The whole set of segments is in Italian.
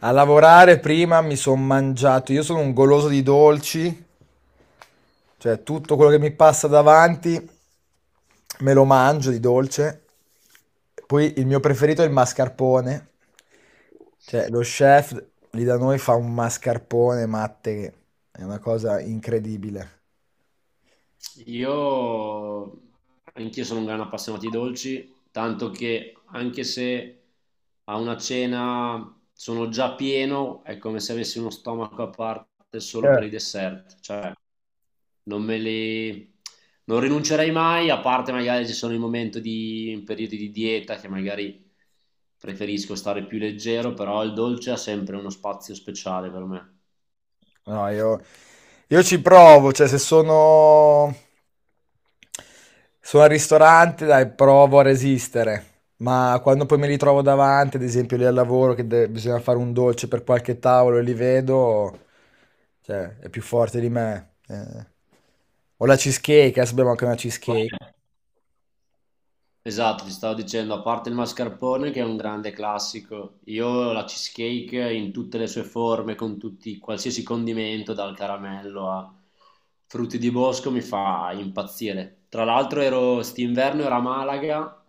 A lavorare prima mi sono mangiato, io sono un goloso di dolci, cioè tutto quello che mi passa davanti me lo mangio di dolce. Poi il mio preferito è il mascarpone, cioè lo chef lì da noi fa un mascarpone matte che è una cosa incredibile. Io anch'io sono un gran appassionato di dolci, tanto che anche se a una cena sono già pieno, è come se avessi uno stomaco a parte solo Eh. per i dessert, cioè non me li non rinuncerei mai, a parte magari ci sono i momenti di in periodi di dieta che magari preferisco stare più leggero, però il dolce ha sempre uno spazio speciale per me. No, io ci provo, cioè se sono al ristorante, dai, provo a resistere, ma quando poi mi ritrovo davanti, ad esempio lì al lavoro, bisogna fare un dolce per qualche tavolo e li vedo, cioè è più forte di me. O la cheesecake, adesso abbiamo anche una Qual cheesecake. è? Esatto, ti stavo dicendo, a parte il mascarpone che è un grande classico, io la cheesecake in tutte le sue forme, con tutti, qualsiasi condimento, dal caramello a frutti di bosco, mi fa impazzire. Tra l'altro ero, st'inverno ero a Malaga,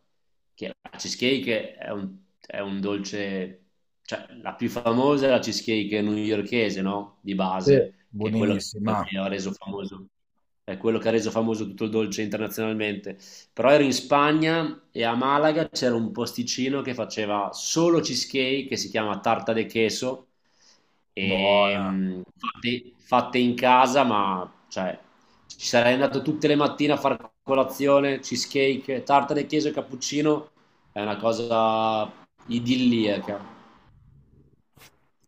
che la cheesecake è un dolce, cioè la più famosa è la cheesecake newyorchese, no? Di Sì. base, che è quello che Buonissima, ha reso famoso, è quello che ha reso famoso tutto il dolce internazionalmente. Però ero in Spagna e a Malaga c'era un posticino che faceva solo cheesecake che si chiama Tarta de Queso e buona, fatte in casa, ma cioè ci sarei andato tutte le mattine a fare colazione, cheesecake, tarta de queso e cappuccino, è una cosa idilliaca.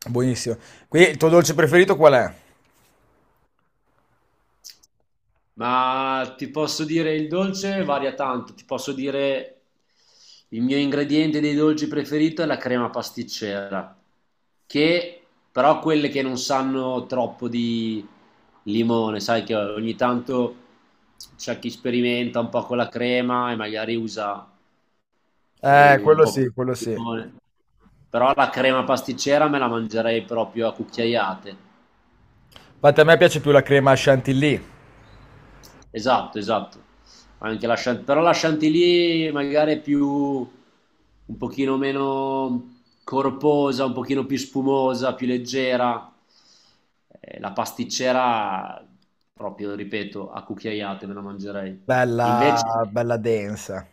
buonissima. Qui il tuo dolce preferito qual è? Ma ti posso dire il dolce varia tanto, ti posso dire il mio ingrediente dei dolci preferito è la crema pasticcera, che però quelle che non sanno troppo di limone, sai che ogni tanto c'è chi sperimenta un po' con la crema e magari usa un Quello po' più sì, quello di sì. limone, però la crema pasticcera me la mangerei proprio a cucchiaiate. Infatti a me piace più la crema chantilly. Esatto, esatto. Anche la però la Chantilly magari è più un pochino meno corposa, un pochino più spumosa, più leggera. La pasticcera, proprio, ripeto, a cucchiaiate me la mangerei. Bella, Invece, bella densa.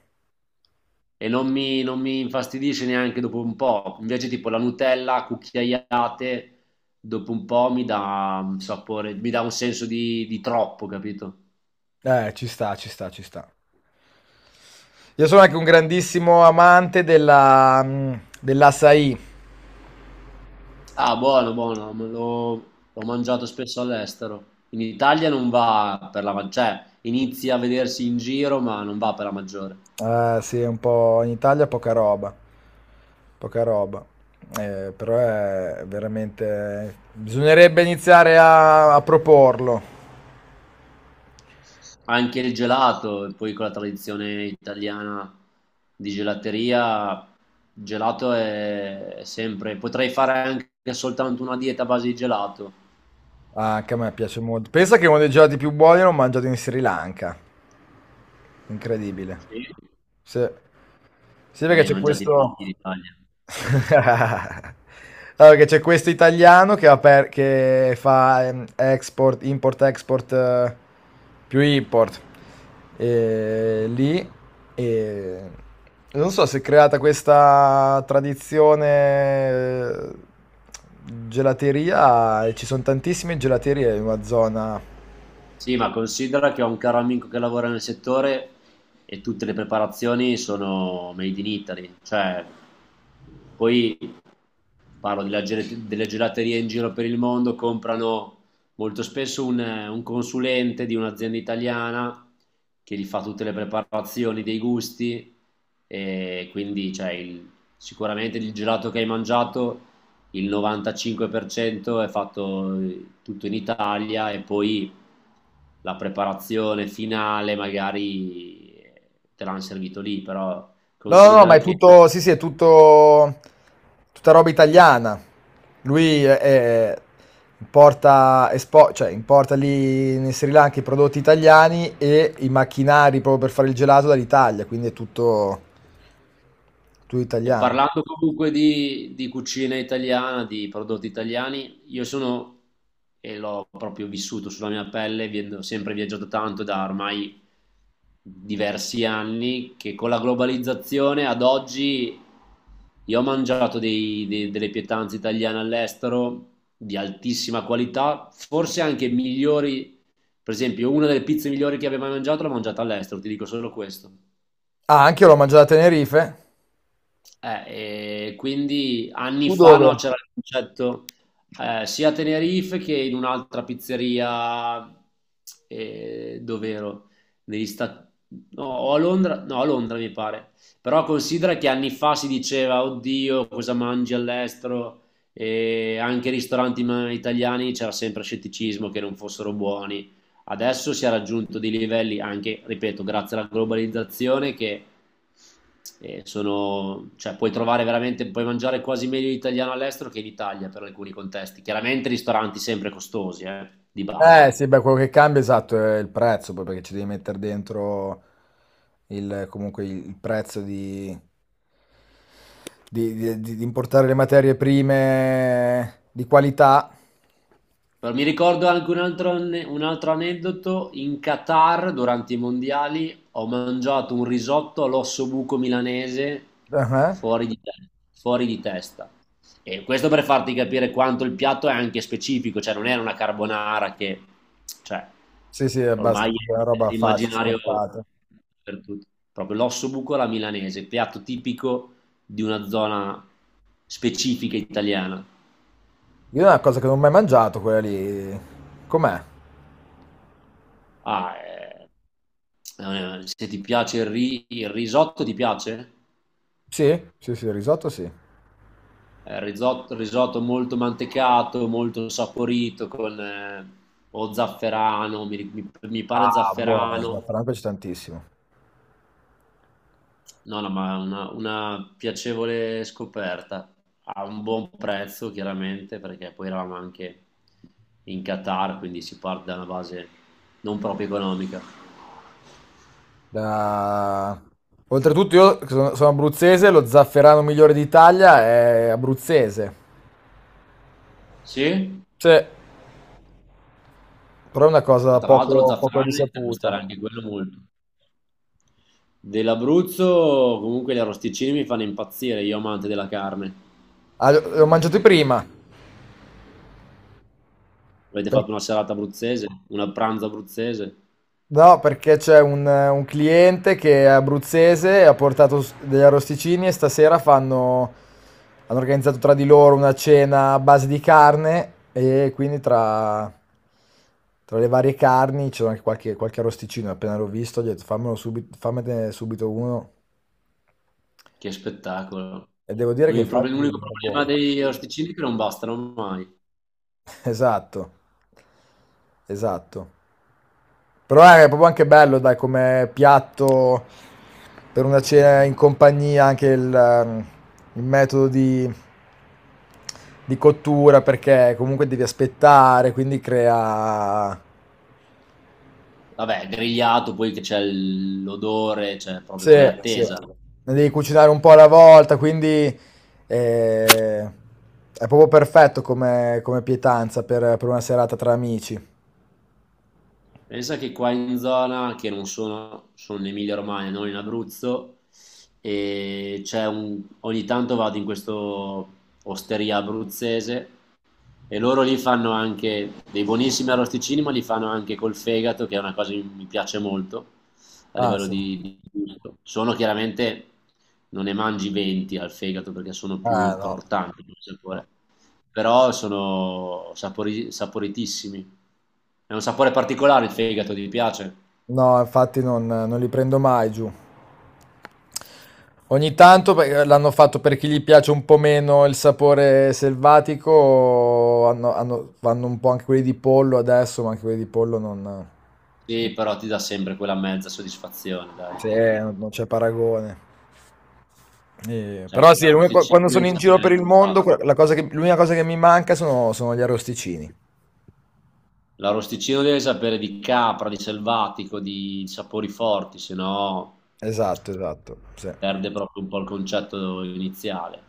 non mi infastidisce neanche dopo un po'. Invece, tipo la Nutella a cucchiaiate, dopo un po' mi dà un sapore, mi dà un senso di troppo, capito? Ci sta, ci sta, ci sta. Io sono anche un grandissimo amante dell'açaí. Ah, buono, buono, l'ho mangiato spesso all'estero. In Italia non va per la maggiore, cioè inizia a vedersi in giro, ma non va per la maggiore. Sì, un po' in Italia poca roba. Poca roba. Però è veramente. Bisognerebbe iniziare a proporlo. Anche il gelato, e poi con la tradizione italiana di gelateria, il gelato è sempre. Potrei fare anche soltanto una dieta a base di gelato. Ah, anche a me piace molto. Pensa che uno dei gelati più buoni l'ho mangiato in Sri Lanka. Incredibile. Sì. Sì. Sì, Ma perché ne hai c'è Incredibile. mangiati Questo. pochi in Italia. Allora, che c'è questo italiano che fa export, import-export, più import e, lì e non so se è creata questa tradizione, eh, gelateria, e ci sono tantissime gelaterie in una zona. Sì, ma considera che ho un caro amico che lavora nel settore e tutte le preparazioni sono made in Italy, cioè poi parlo delle gelaterie in giro per il mondo, comprano molto spesso un consulente di un'azienda italiana che gli fa tutte le preparazioni dei gusti e quindi cioè, sicuramente il gelato che hai mangiato il 95% è fatto tutto in Italia e poi la preparazione finale magari te l'hanno servito lì, però No, no, no, ma considera è che tutto, sì, sì, è tutto, tutta roba italiana. Lui importa lì in Sri Lanka i prodotti italiani e i macchinari proprio per fare il gelato dall'Italia, quindi è tutto, tutto e italiano. parlando comunque di cucina italiana, di prodotti italiani, io sono, e l'ho proprio vissuto sulla mia pelle, ho sempre viaggiato tanto da ormai diversi anni, che con la globalizzazione ad oggi io ho mangiato delle pietanze italiane all'estero di altissima qualità, forse anche migliori, per esempio una delle pizze migliori che abbia mai mangiato l'ho mangiata all'estero, ti dico solo questo. Ah, anche io l'ho mangiato a Tenerife. E quindi anni Tu fa dove? no, c'era il concetto sia a Tenerife che in un'altra pizzeria, dove ero? Negli Stati No, o a Londra, no, a Londra mi pare. Però considera che anni fa si diceva, oddio, cosa mangi all'estero? E anche i ristoranti italiani c'era sempre scetticismo che non fossero buoni adesso si è raggiunto dei livelli anche, ripeto, grazie alla globalizzazione che sono, cioè puoi trovare veramente, puoi mangiare quasi meglio italiano all'estero che in Italia per alcuni contesti. Chiaramente ristoranti sempre costosi, di base. Sì, beh, quello che cambia esatto è il prezzo, poi perché ci devi mettere dentro comunque il prezzo di, Di importare le materie prime di qualità. Però mi ricordo anche un altro aneddoto, in Qatar durante i mondiali ho mangiato un risotto all'osso buco milanese Ah-ah. fuori di, te- fuori di testa. E questo per farti capire quanto il piatto è anche specifico, cioè non era una carbonara che, cioè, Sì, sì, è abbast ormai una è roba facile, nell'immaginario scontata. per tutti. Proprio l'osso buco alla milanese, piatto tipico di una zona specifica italiana. Io è una cosa che non ho mai mangiato quella lì. Com'è? Ah, se ti piace il, il risotto, ti piace? Sì? Sì, sì, il risotto sì. Risotto, risotto molto mantecato, molto saporito, con o zafferano, mi pare Ah, buono, zafferano. zafferano mi piace tantissimo. No, no, ma una piacevole scoperta. A un buon prezzo, chiaramente, perché poi eravamo anche in Qatar, quindi si parte da una base non proprio economica. Da... Oltretutto io che sono abruzzese, lo zafferano migliore d'Italia è abruzzese. Sì, Sì, però è una ma cosa tra l'altro lo poco, poco zafferano inizia a risaputa. costare anche quello molto. Dell'Abruzzo, comunque gli arrosticini mi fanno impazzire, io amante della carne. Ah, l'ho mangiato prima. Avete fatto una serata abruzzese, una pranzo abruzzese? No, perché c'è un cliente che è abruzzese e ha portato degli arrosticini e stasera hanno organizzato tra di loro una cena a base di carne e quindi tra le varie carni c'era anche qualche arrosticino. Appena l'ho visto, gli ho detto fammelo subito, fammene subito uno. Che spettacolo. E devo dire che infatti L'unico era problema buono. degli arrosticini è che non bastano mai. Esatto, esatto. Però è proprio anche bello, dai, come piatto per una cena in compagnia, anche il metodo di cottura, perché comunque devi aspettare, quindi crea. Vabbè, grigliato, poi che c'è l'odore, cioè proprio Sì, crea bello, sì, attesa. bello. Ne devi cucinare un po' alla volta, quindi è proprio perfetto come pietanza per una serata tra amici. Pensa che qua in zona, che non sono, sono in Emilia-Romagna, non in Abruzzo, e c'è un, ogni tanto vado in questo osteria abruzzese e loro lì fanno anche dei buonissimi arrosticini, ma li fanno anche col fegato, che è una cosa che mi piace molto a Ah, livello sì. No, di gusto. Sono chiaramente, non ne mangi 20 al fegato perché sono no, più ah, no, importanti come no. No, sapore però sono saporitissimi. È un sapore particolare il fegato, ti piace? no, infatti non li prendo mai giù. Ogni tanto perché l'hanno fatto per chi gli piace un po' meno il sapore selvatico, vanno un po' anche quelli di pollo adesso, ma anche quelli di pollo non, Sì, però ti dà sempre quella mezza soddisfazione, dai. sì, non c'è paragone. Però Cioè, sì, quando sono in giro per il mondo, l'unica cosa che mi manca sono gli arrosticini. l'arrosticino deve sapere di capra, di selvatico, di sapori forti, se no Esatto, esatto, sì. perde proprio un po' il concetto iniziale.